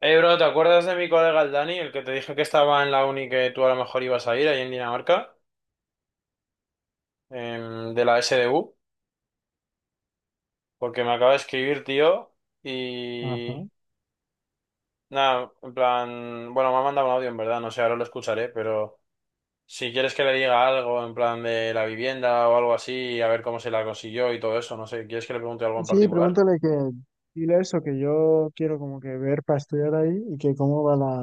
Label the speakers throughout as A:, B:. A: Hey, bro, ¿te acuerdas de mi colega el Dani, el que te dije que estaba en la uni que tú a lo mejor ibas a ir ahí en Dinamarca, de la SDU? Porque me acaba de escribir, tío, y
B: Ajá.
A: nada, en plan, bueno, me ha mandado un audio en verdad, no sé, ahora lo escucharé, pero si quieres que le diga algo en plan de la vivienda o algo así, a ver cómo se la consiguió y todo eso, no sé, ¿quieres que le pregunte algo en
B: Sí,
A: particular?
B: pregúntale que dile eso, que yo quiero como que ver para estudiar ahí y que cómo va la,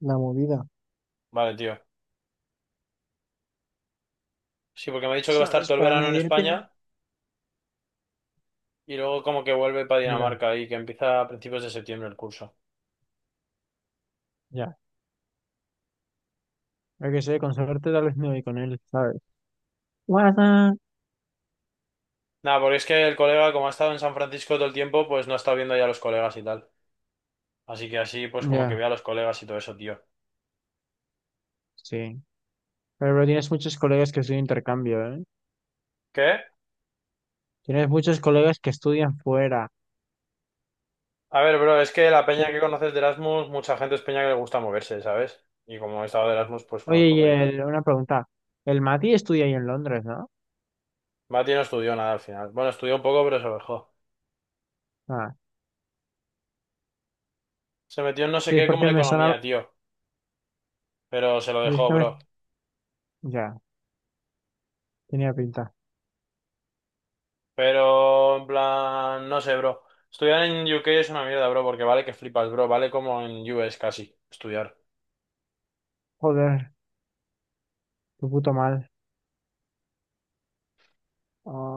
B: la movida.
A: Vale, tío. Sí, porque me ha dicho que va a estar
B: ¿Sabes?
A: todo el
B: Para
A: verano en
B: medir teniendo.
A: España y luego como que vuelve para
B: Ya,
A: Dinamarca y que empieza a principios de septiembre el curso.
B: ya. Hay que sé, con suerte tal vez me voy con él, ¿sabes? Guarda.
A: Nada, porque es que el colega, como ha estado en San Francisco todo el tiempo, pues no ha estado viendo ya a los colegas y tal. Así que así, pues como que
B: Ya,
A: ve a los colegas y todo eso, tío.
B: sí. Pero tienes muchos colegas que estudian intercambio, ¿eh?
A: ¿Qué?
B: Tienes muchos colegas que estudian fuera.
A: A ver, bro, es que la peña
B: El-
A: que conoces de Erasmus, mucha gente es peña que le gusta moverse, ¿sabes? Y como he estado de Erasmus, pues
B: Oye,
A: conozco
B: y
A: peña.
B: una pregunta. El Mati estudia ahí en Londres, ¿no?
A: Mati no estudió nada al final. Bueno, estudió un poco, pero se lo dejó.
B: Ah,
A: Se metió en no sé
B: sí, es
A: qué como
B: porque
A: de
B: me sonaba.
A: economía, tío. Pero se lo
B: Sí, es
A: dejó,
B: que me.
A: bro.
B: Ya, tenía pinta.
A: Pero, en plan, no sé, bro. Estudiar en UK es una mierda, bro, porque vale que flipas, bro. Vale como en US casi, estudiar.
B: Joder, tu puto mal.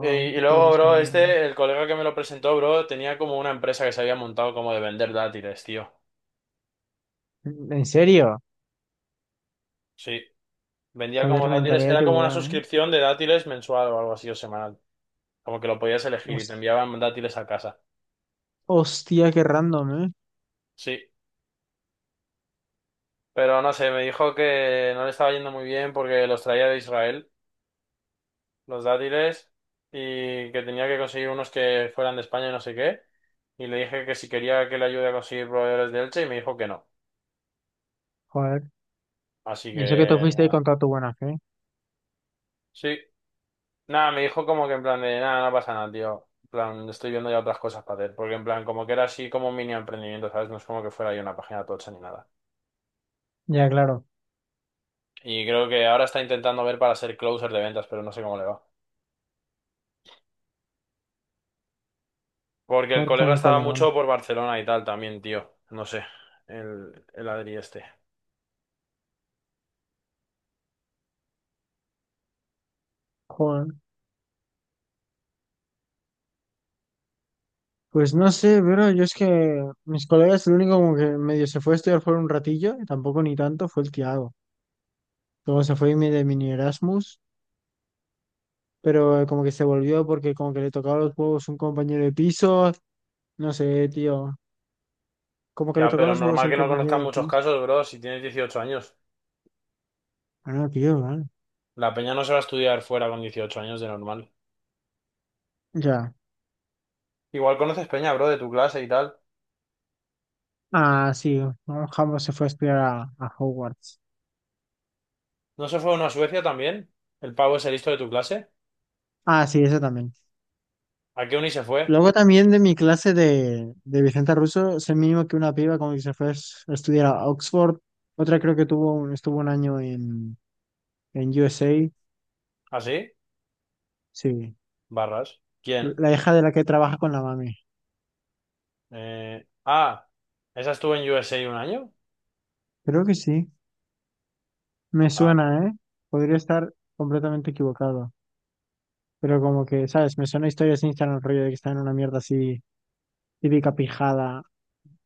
A: Y, y
B: qué
A: luego,
B: curioso, a
A: bro,
B: ver.
A: este, el colega que me lo presentó, bro, tenía como una empresa que se había montado como de vender dátiles, tío.
B: ¿En serio?
A: Sí, vendía como
B: Joder,
A: dátiles,
B: mentalidad de
A: era como una
B: tiburón,
A: suscripción de dátiles mensual o algo así o semanal. Como que lo podías
B: ¿eh?
A: elegir y te enviaban dátiles a casa.
B: Hostia, qué random, ¿eh?
A: Sí, pero no sé, me dijo que no le estaba yendo muy bien porque los traía de Israel, los dátiles, y que tenía que conseguir unos que fueran de España y no sé qué. Y le dije que si quería que le ayude a conseguir proveedores de Elche y me dijo que no.
B: Joder.
A: Así que
B: Y eso que tú fuiste ahí
A: nada.
B: con toda tu buena fe.
A: Sí. Nada, me dijo como que en plan de nada, no pasa nada, tío. En plan, estoy viendo ya otras cosas para hacer. Porque en plan, como que era así como un mini emprendimiento, ¿sabes? No es como que fuera ahí una página tocha ni nada.
B: Ya, claro.
A: Y creo que ahora está intentando ver para ser closer de ventas, pero no sé cómo le va. Porque el
B: Joder, con
A: colega
B: el
A: estaba
B: colegón.
A: mucho por Barcelona y tal también, tío. No sé. El Adri este.
B: Joder. Pues no sé, pero yo es que mis colegas, el único como que medio se fue a estudiar fuera un ratillo, y tampoco ni tanto, fue el Tiago. Luego se fue de mini Erasmus, pero como que se volvió porque como que le tocaba los huevos un compañero de piso. No sé, tío. Como que le
A: Ya,
B: tocaba
A: pero
B: los huevos
A: normal
B: al
A: que no
B: compañero
A: conozcan
B: de
A: muchos
B: piso.
A: casos, bro, si tienes 18 años.
B: Ah, no, tío, vale.
A: La peña no se va a estudiar fuera con 18 años de normal.
B: Ya.
A: Igual conoces peña, bro, de tu clase y tal.
B: Ah, sí. ¿No? Jambo se fue a estudiar a Hogwarts.
A: ¿No se fue uno a Suecia también? ¿El pavo ese listo de tu clase?
B: Ah, sí, eso también.
A: ¿A qué uni se fue?
B: Luego también de mi clase de Vicente Russo, sé mínimo que una piba como que se fue a estudiar a Oxford. Otra creo que estuvo un año en USA.
A: ¿Así?
B: Sí.
A: Barras. ¿Quién?
B: La hija de la que trabaja con la mami.
A: Ah, ¿esa estuvo en USA un año?
B: Creo que sí. Me
A: Ah,
B: suena, ¿eh? Podría estar completamente equivocado. Pero como que, ¿sabes? Me suena a historias de Instagram, rollo de que está en una mierda así, típica pijada.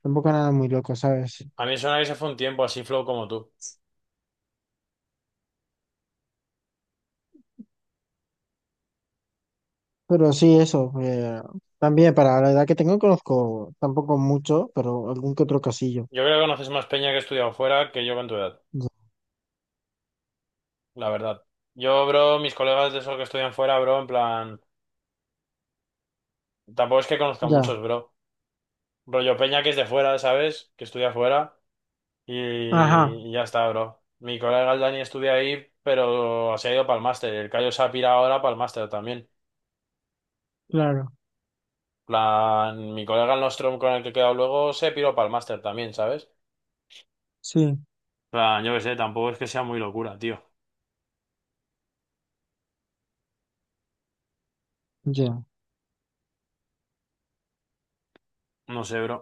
B: Tampoco nada muy loco, ¿sabes?
A: a mí me suena que se fue un tiempo así flow como tú.
B: Pero sí, eso. También para la edad que tengo no conozco tampoco mucho, pero algún que otro casillo.
A: Yo creo que conoces más peña que he estudiado fuera que yo con tu edad,
B: Ya.
A: la verdad. Yo, bro, mis colegas de esos que estudian fuera, bro, en plan, tampoco es que conozca
B: Ya.
A: muchos, bro. Rollo peña que es de fuera, ¿sabes? Que estudia fuera y,
B: Ajá,
A: y ya está, bro. Mi colega el Dani estudia ahí, pero se ha ido para el máster. El Cayo se ha pirado ahora para el máster también.
B: claro.
A: Plan, mi colega el Nostrum con el que he quedado luego se piró para el máster también, ¿sabes?
B: Sí,
A: Plan, yo qué sé, tampoco es que sea muy locura, tío.
B: ya,
A: No sé, bro.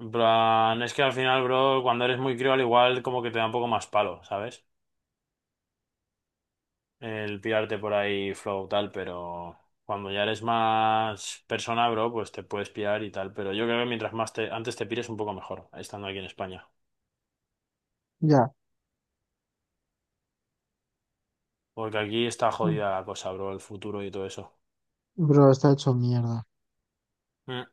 A: En plan, es que al final, bro, cuando eres muy crío, al igual como que te da un poco más palo, ¿sabes? El pirarte por ahí flow tal, pero cuando ya eres más persona, bro, pues te puedes pirar y tal. Pero yo creo que mientras más te, antes te pires, un poco mejor, estando aquí en España.
B: ya.
A: Porque aquí está
B: Mm,
A: jodida la cosa, bro, el futuro y todo eso.
B: Bro, está hecho mierda.
A: Mm,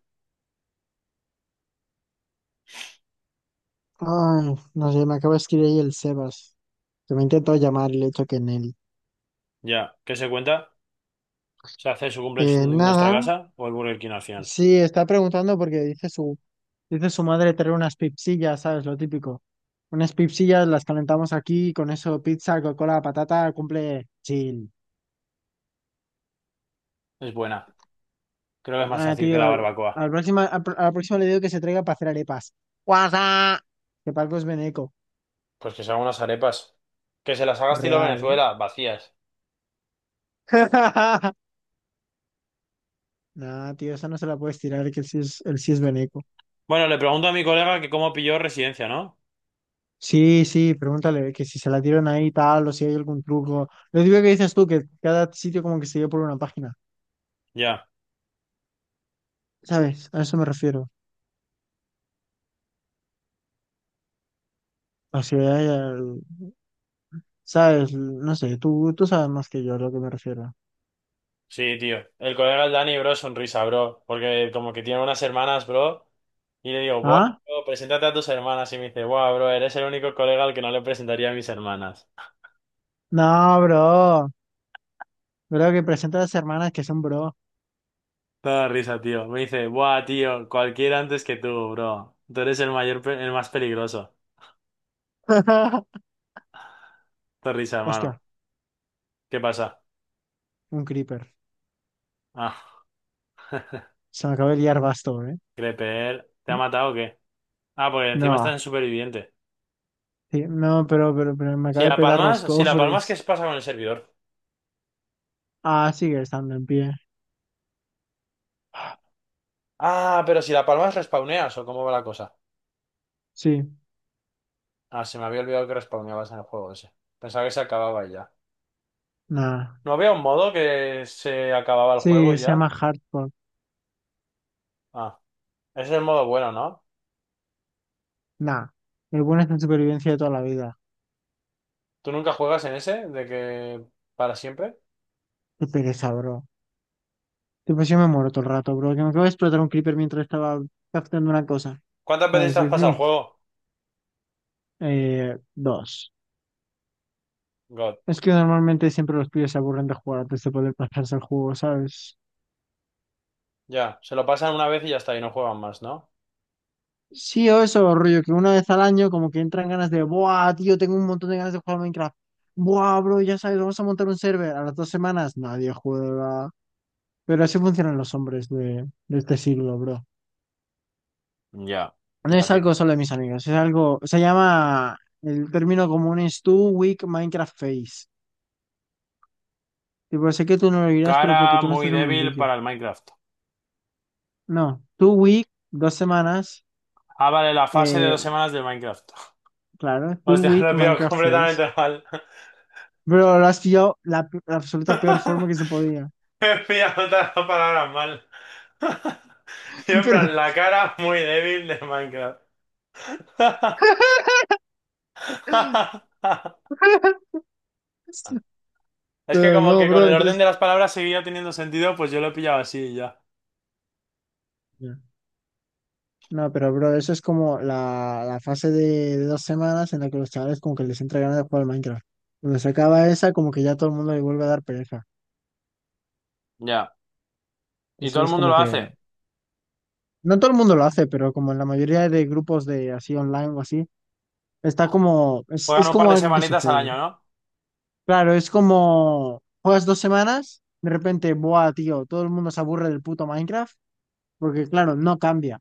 B: Ay, no sé, me acaba de escribir ahí el Sebas, que me intentó llamar y le he dicho que en él.
A: ya, ¿qué se cuenta? Se hace su cumple en nuestra
B: Nada,
A: casa o el Burger King al final.
B: sí, está preguntando porque dice su madre traer unas pipsillas, ¿sabes? Lo típico. Unas pipsillas las calentamos aquí, con eso pizza, Coca-Cola, patata, cumple chill.
A: Es buena. Creo que es más
B: Nada,
A: fácil que
B: tío,
A: la
B: a
A: barbacoa.
B: la próxima, a la próxima le digo que se traiga para hacer arepas. ¡Guasa! Que Paco es veneco.
A: Pues que se hagan unas arepas. Que se las haga estilo
B: Real, ¿eh?
A: Venezuela, vacías.
B: Nah, tío, esa no se la puedes tirar, que él sí es veneco.
A: Bueno, le pregunto a mi colega que cómo pilló residencia, ¿no?
B: Sí, sí, pregúntale que si se la tiran ahí y tal o si hay algún truco. Lo digo que dices tú, que cada sitio como que se lleva por una página.
A: Ya.
B: ¿Sabes? A eso me refiero. O sea, ¿sabes? No sé, tú sabes más que yo a lo que me refiero.
A: Sí, tío. El colega el Dani, bro, sonrisa, bro. Porque como que tiene unas hermanas, bro. Y le digo, buah,
B: ¿Ah?
A: bro, preséntate a tus hermanas. Y me dice, buah, bro, eres el único colega al que no le presentaría a mis hermanas.
B: No, bro. Bro, que presenta a las hermanas que son bro.
A: Toda risa, tío. Me dice, buah, tío, cualquiera antes que tú, bro. Tú eres el mayor, el más peligroso. Te risa, hermano.
B: Hostia.
A: ¿Qué pasa?
B: Un creeper.
A: Ah,
B: Se me acaba de liar basto, ¿eh?
A: Creper, ¿te ha matado o qué? Ah, porque encima
B: No,
A: estás en superviviente.
B: sí, no, pero me
A: Si
B: acaba de
A: la
B: petar los
A: palmas, si la palmas, ¿qué
B: cofres.
A: se pasa con el servidor?
B: Ah, sigue estando en pie.
A: Ah, pero si la palmas respawneas o cómo va la cosa.
B: Sí,
A: Ah, se me había olvidado que respawneabas en el juego ese. Pensaba que se acababa y ya.
B: nada.
A: ¿No había un modo que se acababa el juego
B: Sí,
A: y
B: se llama
A: ya?
B: Hardcore.
A: Ah, ese es el modo bueno, ¿no?
B: Nah. El bueno es en supervivencia de toda la vida.
A: ¿Tú nunca juegas en ese? ¿De que para siempre?
B: Qué pereza, bro. Tipo, yo me muero todo el rato, bro. Que me acabo de explotar un creeper mientras estaba captando una cosa.
A: ¿Cuántas veces te
B: ¿Sabes?
A: has
B: Es decir,
A: pasado el juego?
B: eh, dos.
A: God.
B: Es que normalmente siempre los pibes se aburren de jugar antes de poder pasarse el juego, ¿sabes?
A: Ya, se lo pasan una vez y ya está, y no juegan más, ¿no?
B: Sí, o eso, rollo, que una vez al año como que entran ganas de, buah, tío, tengo un montón de ganas de jugar a Minecraft. Buah, bro, ya sabes, vamos a montar un server. A las 2 semanas nadie juega. Pero así funcionan los hombres de este siglo, bro.
A: Ya,
B: No
A: la
B: es algo solo
A: típica.
B: de mis amigos, es algo, se llama, el término común es two week Minecraft face. Tipo, sé que tú no lo dirás, pero porque
A: Cara
B: tú no
A: muy
B: estás en el
A: débil
B: mundillo.
A: para el Minecraft.
B: No, two week, 2 semanas,
A: Ah, vale, la fase de
B: eh,
A: 2 semanas del Minecraft.
B: claro, two
A: Hostia,
B: week
A: lo he pillado
B: Minecraft face.
A: completamente mal.
B: Bro, lo has pillado la absoluta peor forma que se podía.
A: He pillado todas las palabras mal. Y en
B: Pero,
A: plan, la cara muy débil de Minecraft. Es que
B: pero
A: como
B: no,
A: que con
B: bro,
A: el orden de
B: entonces.
A: las palabras seguía teniendo sentido, pues yo lo he pillado así y ya.
B: Ya. No, pero bro, eso es como la fase de 2 semanas en la que los chavales como que les entra ganas de jugar al Minecraft. Cuando se acaba esa, como que ya todo el mundo le vuelve a dar pereza.
A: Ya. Y todo
B: Entonces
A: el
B: es
A: mundo
B: como
A: lo
B: que,
A: hace.
B: no todo el mundo lo hace, pero como en la mayoría de grupos de así online o así, está como, es,
A: Juegan
B: es
A: un par
B: como
A: de
B: algo que
A: semanitas al
B: sucede.
A: año, ¿no?
B: Claro, es como, juegas 2 semanas, de repente, buah, tío, todo el mundo se aburre del puto Minecraft, porque claro, no cambia.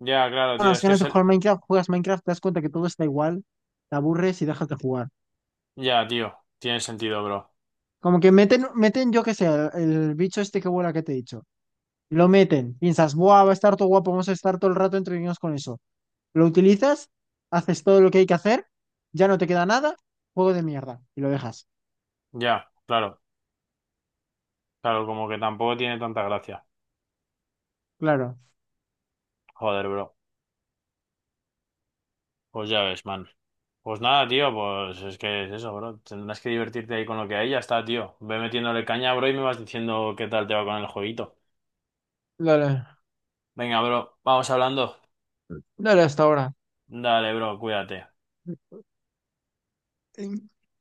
A: Ya, claro, tío.
B: Unas
A: Es que
B: ganas
A: es
B: de
A: el...
B: jugar Minecraft, juegas Minecraft, te das cuenta que todo está igual, te aburres y dejas de jugar.
A: Ya, tío. Tiene sentido, bro.
B: Como que meten, yo qué sé, el bicho este que vuela que te he dicho. Lo meten, piensas, buah, va a estar todo guapo, vamos a estar todo el rato entretenidos con eso. Lo utilizas, haces todo lo que hay que hacer, ya no te queda nada, juego de mierda, y lo dejas.
A: Ya, claro. Claro, como que tampoco tiene tanta gracia.
B: Claro.
A: Joder, bro. Pues ya ves, man. Pues nada, tío, pues es que es eso, bro. Tendrás que divertirte ahí con lo que hay, ya está, tío. Ve metiéndole caña, bro, y me vas diciendo qué tal te va con el jueguito.
B: Dale,
A: Venga, bro, vamos hablando.
B: dale hasta ahora.
A: Dale, bro, cuídate.